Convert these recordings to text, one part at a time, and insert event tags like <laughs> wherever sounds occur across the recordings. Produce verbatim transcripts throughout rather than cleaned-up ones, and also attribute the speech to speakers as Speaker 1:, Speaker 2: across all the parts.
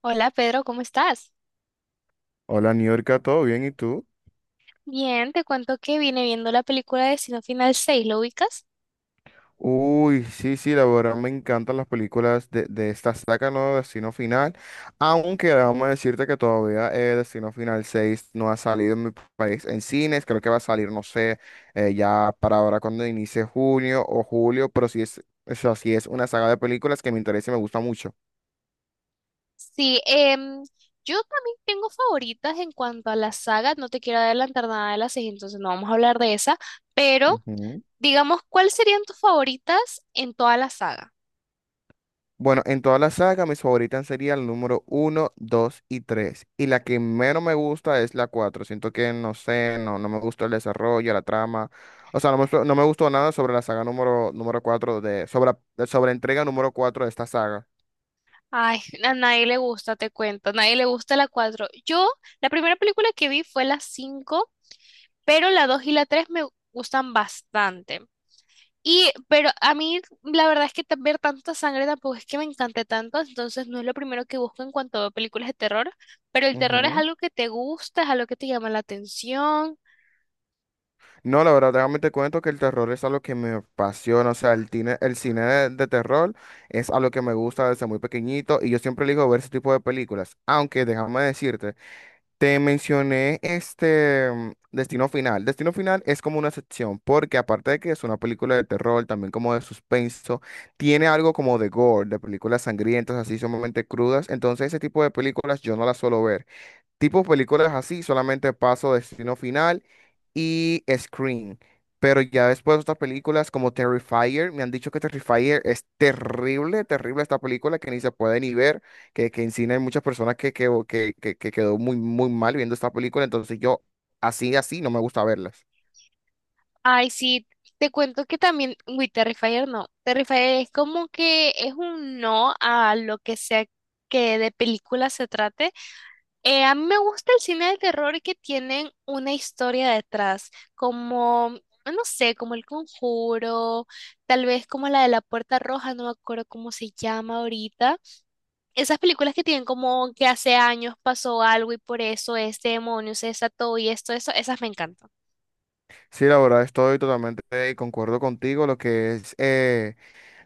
Speaker 1: Hola Pedro, ¿cómo estás?
Speaker 2: Hola, New, ¿todo bien? ¿Y tú?
Speaker 1: Bien, te cuento que vine viendo la película de Destino Final seis, ¿lo ubicas?
Speaker 2: Uy, sí, sí, la verdad me encantan las películas de, de esta saga, ¿no? Destino Final. Aunque vamos a decirte que todavía eh, Destino Final seis no ha salido en mi país en cines. Creo que va a salir, no sé, eh, ya para ahora cuando inicie junio o julio. Pero sí es, o sea, sí es una saga de películas que me interesa y me gusta mucho.
Speaker 1: Sí, em, yo también tengo favoritas en cuanto a la saga, no te quiero adelantar nada de las seis, entonces no vamos a hablar de esa, pero
Speaker 2: Ujú.
Speaker 1: digamos, ¿cuáles serían tus favoritas en toda la saga?
Speaker 2: Bueno, en toda la saga, mis favoritas serían el número uno, dos y tres, y la que menos me gusta es la cuatro. Siento que, no sé, no, no me gustó el desarrollo, la trama. O sea, no me, no me gustó nada sobre la saga número, número cuatro de, sobre, sobre entrega número cuatro de esta saga.
Speaker 1: Ay, <laughs> a nadie le gusta, te cuento, a nadie le gusta la cuatro. Yo, la primera película que vi fue la cinco, pero la dos y la tres me gustan bastante. Y, pero a mí la verdad es que ta- ver tanta sangre tampoco es que me encante tanto, entonces no es lo primero que busco en cuanto a películas de terror, pero el terror es
Speaker 2: Ujú.
Speaker 1: algo que te gusta, es algo que te llama la atención.
Speaker 2: No, la verdad, déjame te cuento que el terror es algo que me apasiona. O sea, el, cine el cine de, de terror es algo que me gusta desde muy pequeñito y yo siempre elijo ver ese tipo de películas. Aunque déjame decirte. Te mencioné este mm, Destino Final. Destino Final es como una excepción, porque aparte de que es una película de terror, también como de suspenso, tiene algo como de gore, de películas sangrientas, así sumamente crudas. Entonces ese tipo de películas yo no las suelo ver. Tipos películas así, solamente paso, Destino Final y Scream. Pero ya después otras películas como Terrifier, me han dicho que Terrifier es terrible, terrible, esta película que ni se puede ni ver, que, que en cine hay muchas personas que, que, que, que- que quedó muy, muy mal viendo esta película, entonces yo así, así no me gusta verlas.
Speaker 1: Ay, sí, te cuento que también, uy, Terrifier no, Terrifier es como que es un no a lo que sea que de película se trate. Eh, a mí me gusta el cine de terror que tienen una historia detrás, como, no sé, como El Conjuro, tal vez como la de La Puerta Roja, no me acuerdo cómo se llama ahorita. Esas películas que tienen como que hace años pasó algo y por eso este demonio se desató y esto, eso, esas me encantan.
Speaker 2: Sí, la verdad estoy totalmente de concuerdo contigo, lo que es... eh,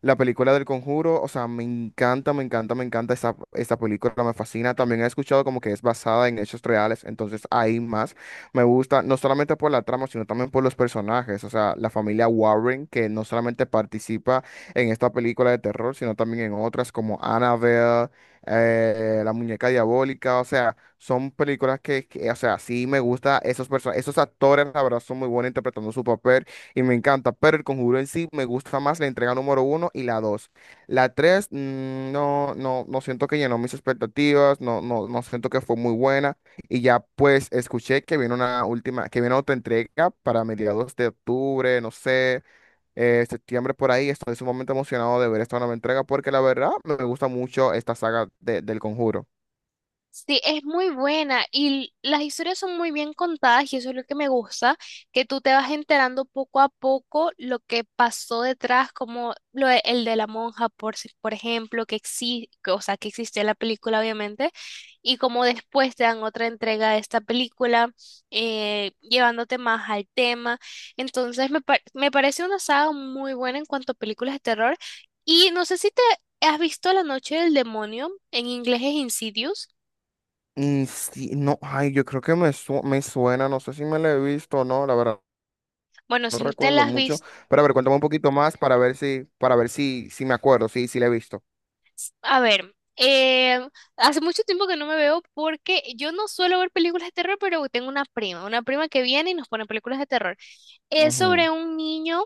Speaker 2: la película del Conjuro. O sea, me encanta, me encanta, me encanta esa, esa película, me fascina. También he escuchado como que es basada en hechos reales, entonces ahí más me gusta, no solamente por la trama, sino también por los personajes, o sea, la familia Warren, que no solamente participa en esta película de terror, sino también en otras como Annabelle, eh, La Muñeca Diabólica. O sea, son películas que, que, o sea, sí me gusta esos personajes, esos actores, la verdad, son muy buenos interpretando su papel y me encanta, pero El Conjuro en sí me gusta más la entrega número uno y la dos. La tres, mm, no, no, no siento que llenó mis expectativas, no, no, no siento que fue muy buena, y ya pues escuché que viene una última, que viene otra entrega para mediados de octubre, no sé, eh, septiembre por ahí. Estoy sumamente emocionado de ver esta nueva entrega porque la verdad me gusta mucho esta saga de- del Conjuro.
Speaker 1: Sí, es muy buena y las historias son muy bien contadas y eso es lo que me gusta, que tú te vas enterando poco a poco lo que pasó detrás, como lo, de- el de la monja, por, si- por ejemplo, que existe, o sea, que existió en la película, obviamente, y como después te dan otra entrega de esta película, eh, llevándote más al tema. Entonces, me, par- me parece una saga muy buena en cuanto a películas de terror y no sé si te has visto La Noche del Demonio, en inglés es Insidious.
Speaker 2: Mm, sí, no, ay, yo creo que me, su- me suena, no sé si me la he visto o no, la verdad.
Speaker 1: Bueno,
Speaker 2: No
Speaker 1: si no te
Speaker 2: recuerdo
Speaker 1: las has
Speaker 2: mucho.
Speaker 1: visto,
Speaker 2: Pero a ver, cuéntame un poquito más para ver si, para ver si, si me acuerdo, si, si la he visto.
Speaker 1: a ver, eh, hace mucho tiempo que no me veo porque yo no suelo ver películas de terror, pero tengo una prima, una prima que viene y nos pone películas de terror. Es
Speaker 2: Ujú,
Speaker 1: sobre un niño,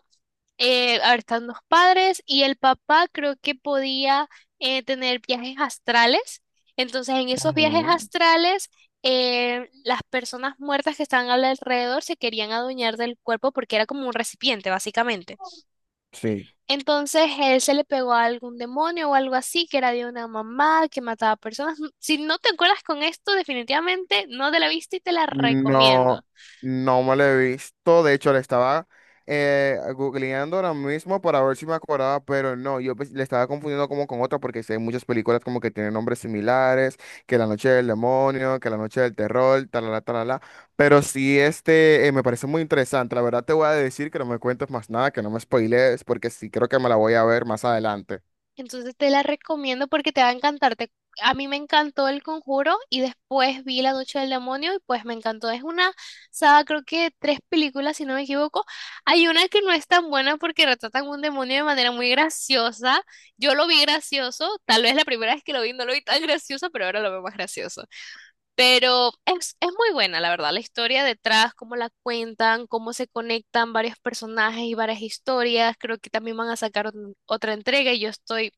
Speaker 1: eh, a ver, están los padres y el papá creo que podía eh, tener viajes astrales. Entonces, en esos viajes
Speaker 2: ujú.
Speaker 1: astrales, eh, las personas muertas que estaban al alrededor se querían adueñar del cuerpo porque era como un recipiente, básicamente.
Speaker 2: Sí,
Speaker 1: Entonces él se le pegó a algún demonio o algo así, que era de una mamá que mataba personas. Mm, Si no te acuerdas con esto, definitivamente no te la viste y te la recomiendo.
Speaker 2: no, no me lo he visto. De hecho, le estaba eh, googleando ahora mismo para ver si me acordaba, pero no, yo pues, le estaba confundiendo como con otra porque sí hay muchas películas como que tienen nombres similares, que La Noche del Demonio, que La Noche del Terror, talala, talala. Pero sí, este eh, me parece muy interesante. La verdad te voy a decir que no me cuentes más nada, que no me spoilees, porque sí creo que me la voy a ver más adelante.
Speaker 1: Entonces te la recomiendo porque te va a encantar. Te- a mí me encantó El Conjuro y después vi La Noche del Demonio y pues me encantó. Es una saga, creo que tres películas, si no me equivoco. Hay una que no es tan buena porque retratan un demonio de manera muy graciosa. Yo lo vi gracioso, tal vez la primera vez que lo vi no lo vi tan gracioso, pero ahora lo veo más gracioso. Pero es, es muy buena, la verdad, la historia detrás, cómo la cuentan, cómo se conectan varios personajes y varias historias. Creo que también van a sacar ot- otra entrega y yo estoy,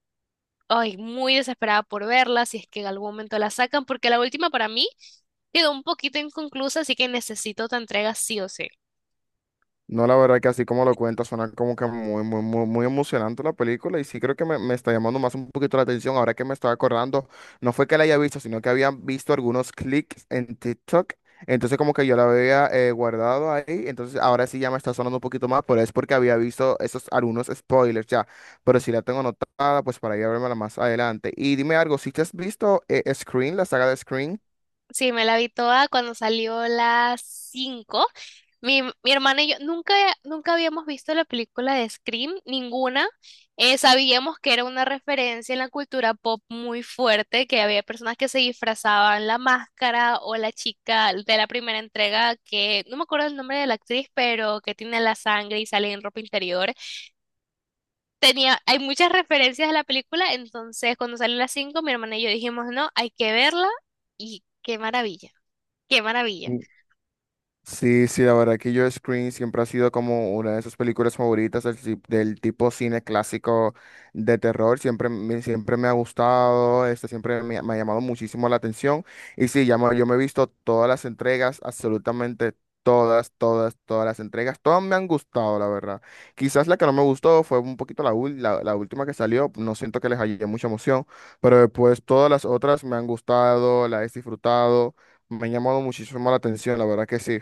Speaker 1: ay, muy desesperada por verla, si es que en algún momento la sacan, porque la última para mí quedó un poquito inconclusa, así que necesito otra entrega sí o sí.
Speaker 2: No, la verdad que así como lo cuenta, suena como que muy, muy, muy, muy emocionante la película y sí creo que me, me está llamando más un poquito la atención. Ahora que me estaba acordando, no fue que la haya visto, sino que había visto algunos clics en TikTok. Entonces como que yo la había eh, guardado ahí, entonces ahora sí ya me está sonando un poquito más, pero es porque había visto esos algunos spoilers ya. Pero si la tengo anotada, pues, para ir a verla más adelante. Y dime algo, ¿si te has visto eh, Scream, la saga de Scream?
Speaker 1: Sí, me la vi toda cuando salió las cinco. Mi, mi hermana y yo nunca, nunca habíamos visto la película de Scream, ninguna. Eh, sabíamos que era una referencia en la cultura pop muy fuerte, que había personas que se disfrazaban la máscara o la chica de la primera entrega, que no me acuerdo el nombre de la actriz, pero que tiene la sangre y sale en ropa interior. Tenía, hay muchas referencias de la película, entonces cuando salió las cinco mi hermana y yo dijimos, no, hay que verla y qué maravilla. Qué maravilla.
Speaker 2: Sí, sí, la verdad que yo Scream siempre ha sido como una de sus películas favoritas del, ci- del tipo cine clásico de terror. Siempre me, siempre me ha gustado, este, siempre me, ha me ha llamado muchísimo la atención. Y sí, ya me- yo me he visto todas las entregas, absolutamente todas, todas, todas las entregas. Todas me han gustado, la verdad. Quizás la que no me gustó fue un poquito la, ul- la, la última que salió. No siento que les haya mucha emoción, pero después todas las otras me han gustado, las he disfrutado. Me han llamado muchísimo la atención, la verdad que sí.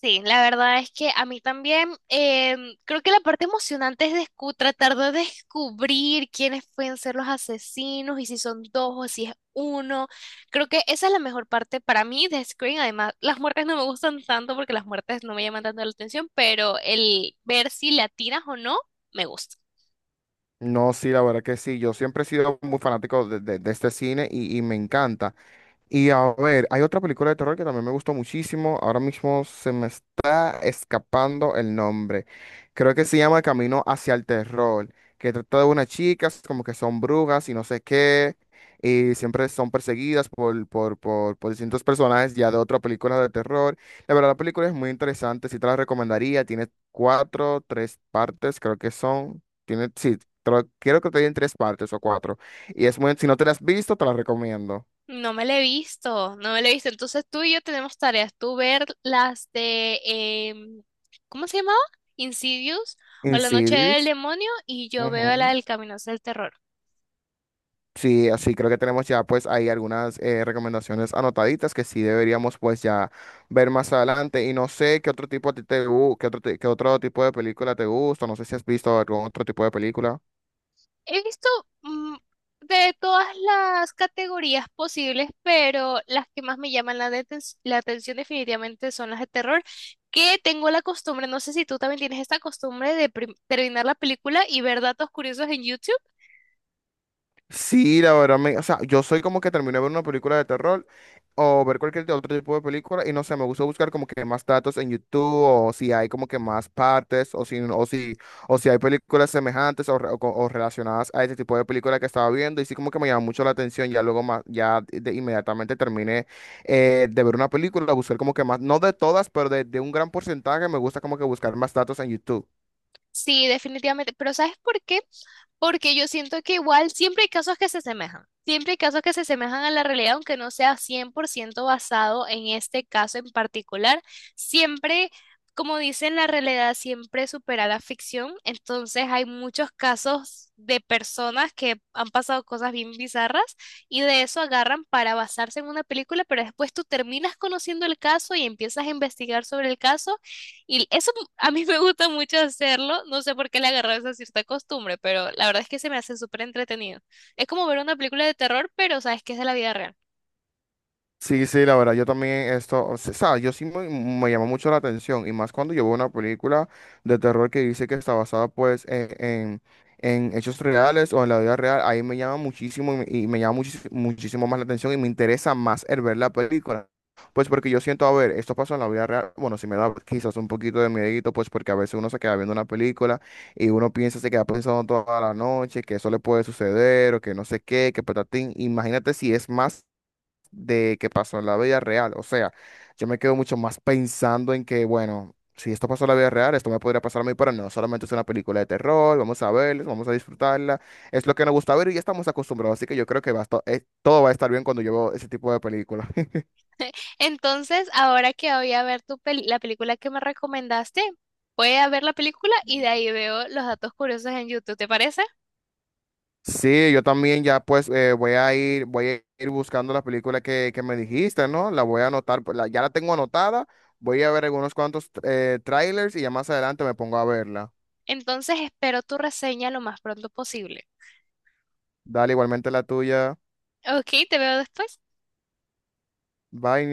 Speaker 1: Sí, la verdad es que a mí también em, creo que la parte emocionante es descu- tratar de descubrir quiénes pueden ser los asesinos y si son dos o si es uno. Creo que esa es la mejor parte para mí de Scream. Además, las muertes no me gustan tanto porque las muertes no me llaman tanto la atención, pero el ver si le atinas o no me gusta.
Speaker 2: No, sí, la verdad que sí. Yo siempre he sido muy fanático de, de- de este cine y, y me encanta. Y a ver, hay otra película de terror que también me gustó muchísimo. Ahora mismo se me está escapando el nombre. Creo que se llama Camino hacia el Terror, que trata de unas chicas como que son brujas y no sé qué, y siempre son perseguidas por, por, por, por distintos personajes ya de otra película de terror. La verdad, la película es muy interesante, sí te la recomendaría. Tiene cuatro, tres partes, creo que son. Tiene, sí, creo, creo que tiene tres partes o cuatro. Y es muy, si no te la has visto, te la recomiendo.
Speaker 1: No me la he visto, no me la he visto. Entonces tú y yo tenemos tareas. Tú ver las de, em, ¿cómo se llamaba? Insidious o
Speaker 2: En,
Speaker 1: La Noche del Demonio y yo veo la
Speaker 2: ujú.
Speaker 1: del Camino hacia el Terror.
Speaker 2: Sí, así creo que tenemos ya pues ahí algunas eh, recomendaciones anotaditas que sí deberíamos pues ya ver más adelante. Y no sé qué otro tipo a ti te gu- qué otro, ti- qué otro tipo de película te gusta, no sé si has visto algún otro tipo de película.
Speaker 1: He visto mm, de todas las categorías posibles, pero las que más me llaman la, deten- la atención definitivamente son las de terror, que tengo la costumbre, no sé si tú también tienes esta costumbre de prim- terminar la película y ver datos curiosos en YouTube.
Speaker 2: Sí, la verdad, me, o sea, yo soy como que termino de ver una película de terror o ver cualquier otro tipo de película y no sé, me gusta buscar como que más datos en YouTube, o si hay como que más partes o si, o si, o si hay películas semejantes o, re- o co- o relacionadas a ese tipo de película que estaba viendo, y sí como que me llama mucho la atención. Ya luego más, ya de- inmediatamente terminé eh, de ver una película, buscar como que más, no de todas, pero de, de un gran porcentaje me gusta como que buscar más datos en YouTube.
Speaker 1: Sí, definitivamente. Pero ¿sabes por qué? Porque yo siento que igual siempre hay casos que se asemejan. Siempre hay casos que se asemejan a la realidad, aunque no sea cien por ciento basado en este caso en particular. Siempre, como dicen, la realidad siempre supera la ficción. Entonces hay muchos casos de personas que han pasado cosas bien bizarras y de eso agarran para basarse en una película, pero después tú terminas conociendo el caso y empiezas a investigar sobre el caso y eso a mí me gusta mucho hacerlo, no sé por qué le agarré esa cierta costumbre, pero la verdad es que se me hace súper entretenido. Es como ver una película de terror, pero sabes que es de la vida real.
Speaker 2: Sí, sí, la verdad, yo también esto, o sea, sabe, yo sí me, me llama mucho la atención, y más cuando yo veo una película de terror que dice que está basada pues en, en- en hechos reales o en la vida real, ahí me llama muchísimo y me, y me llama muchis- muchísimo más la atención y me interesa más el ver la película. Pues porque yo siento, a ver, esto pasó en la vida real, bueno, sí me da quizás un poquito de miedito, pues porque a veces uno se queda viendo una película y uno piensa, se queda pensando toda la noche que eso le puede suceder o que no sé qué, que patatín. Imagínate si es más de que pasó en la vida real. O sea, yo me quedo mucho más pensando en que, bueno, si esto pasó en la vida real, esto me podría pasar a mí, pero no, solamente es una película de terror, vamos a verla, vamos a disfrutarla, es lo que nos gusta ver y ya estamos acostumbrados, así que yo creo que va a esto- eh, todo va a estar bien cuando yo veo ese tipo de películas. <laughs>
Speaker 1: Entonces, ahora que voy a ver tu peli- la película que me recomendaste, voy a ver la película y de ahí veo los datos curiosos en YouTube, ¿te parece?
Speaker 2: Sí, yo también ya pues eh, voy a ir, voy a ir buscando la película que, que me dijiste, ¿no? La voy a anotar, pues, la- ya la tengo anotada, voy a ver algunos cuantos eh, trailers y ya más adelante me pongo a verla.
Speaker 1: Entonces, espero tu reseña lo más pronto posible.
Speaker 2: Dale, igualmente la tuya.
Speaker 1: Ok, te veo después.
Speaker 2: Bye.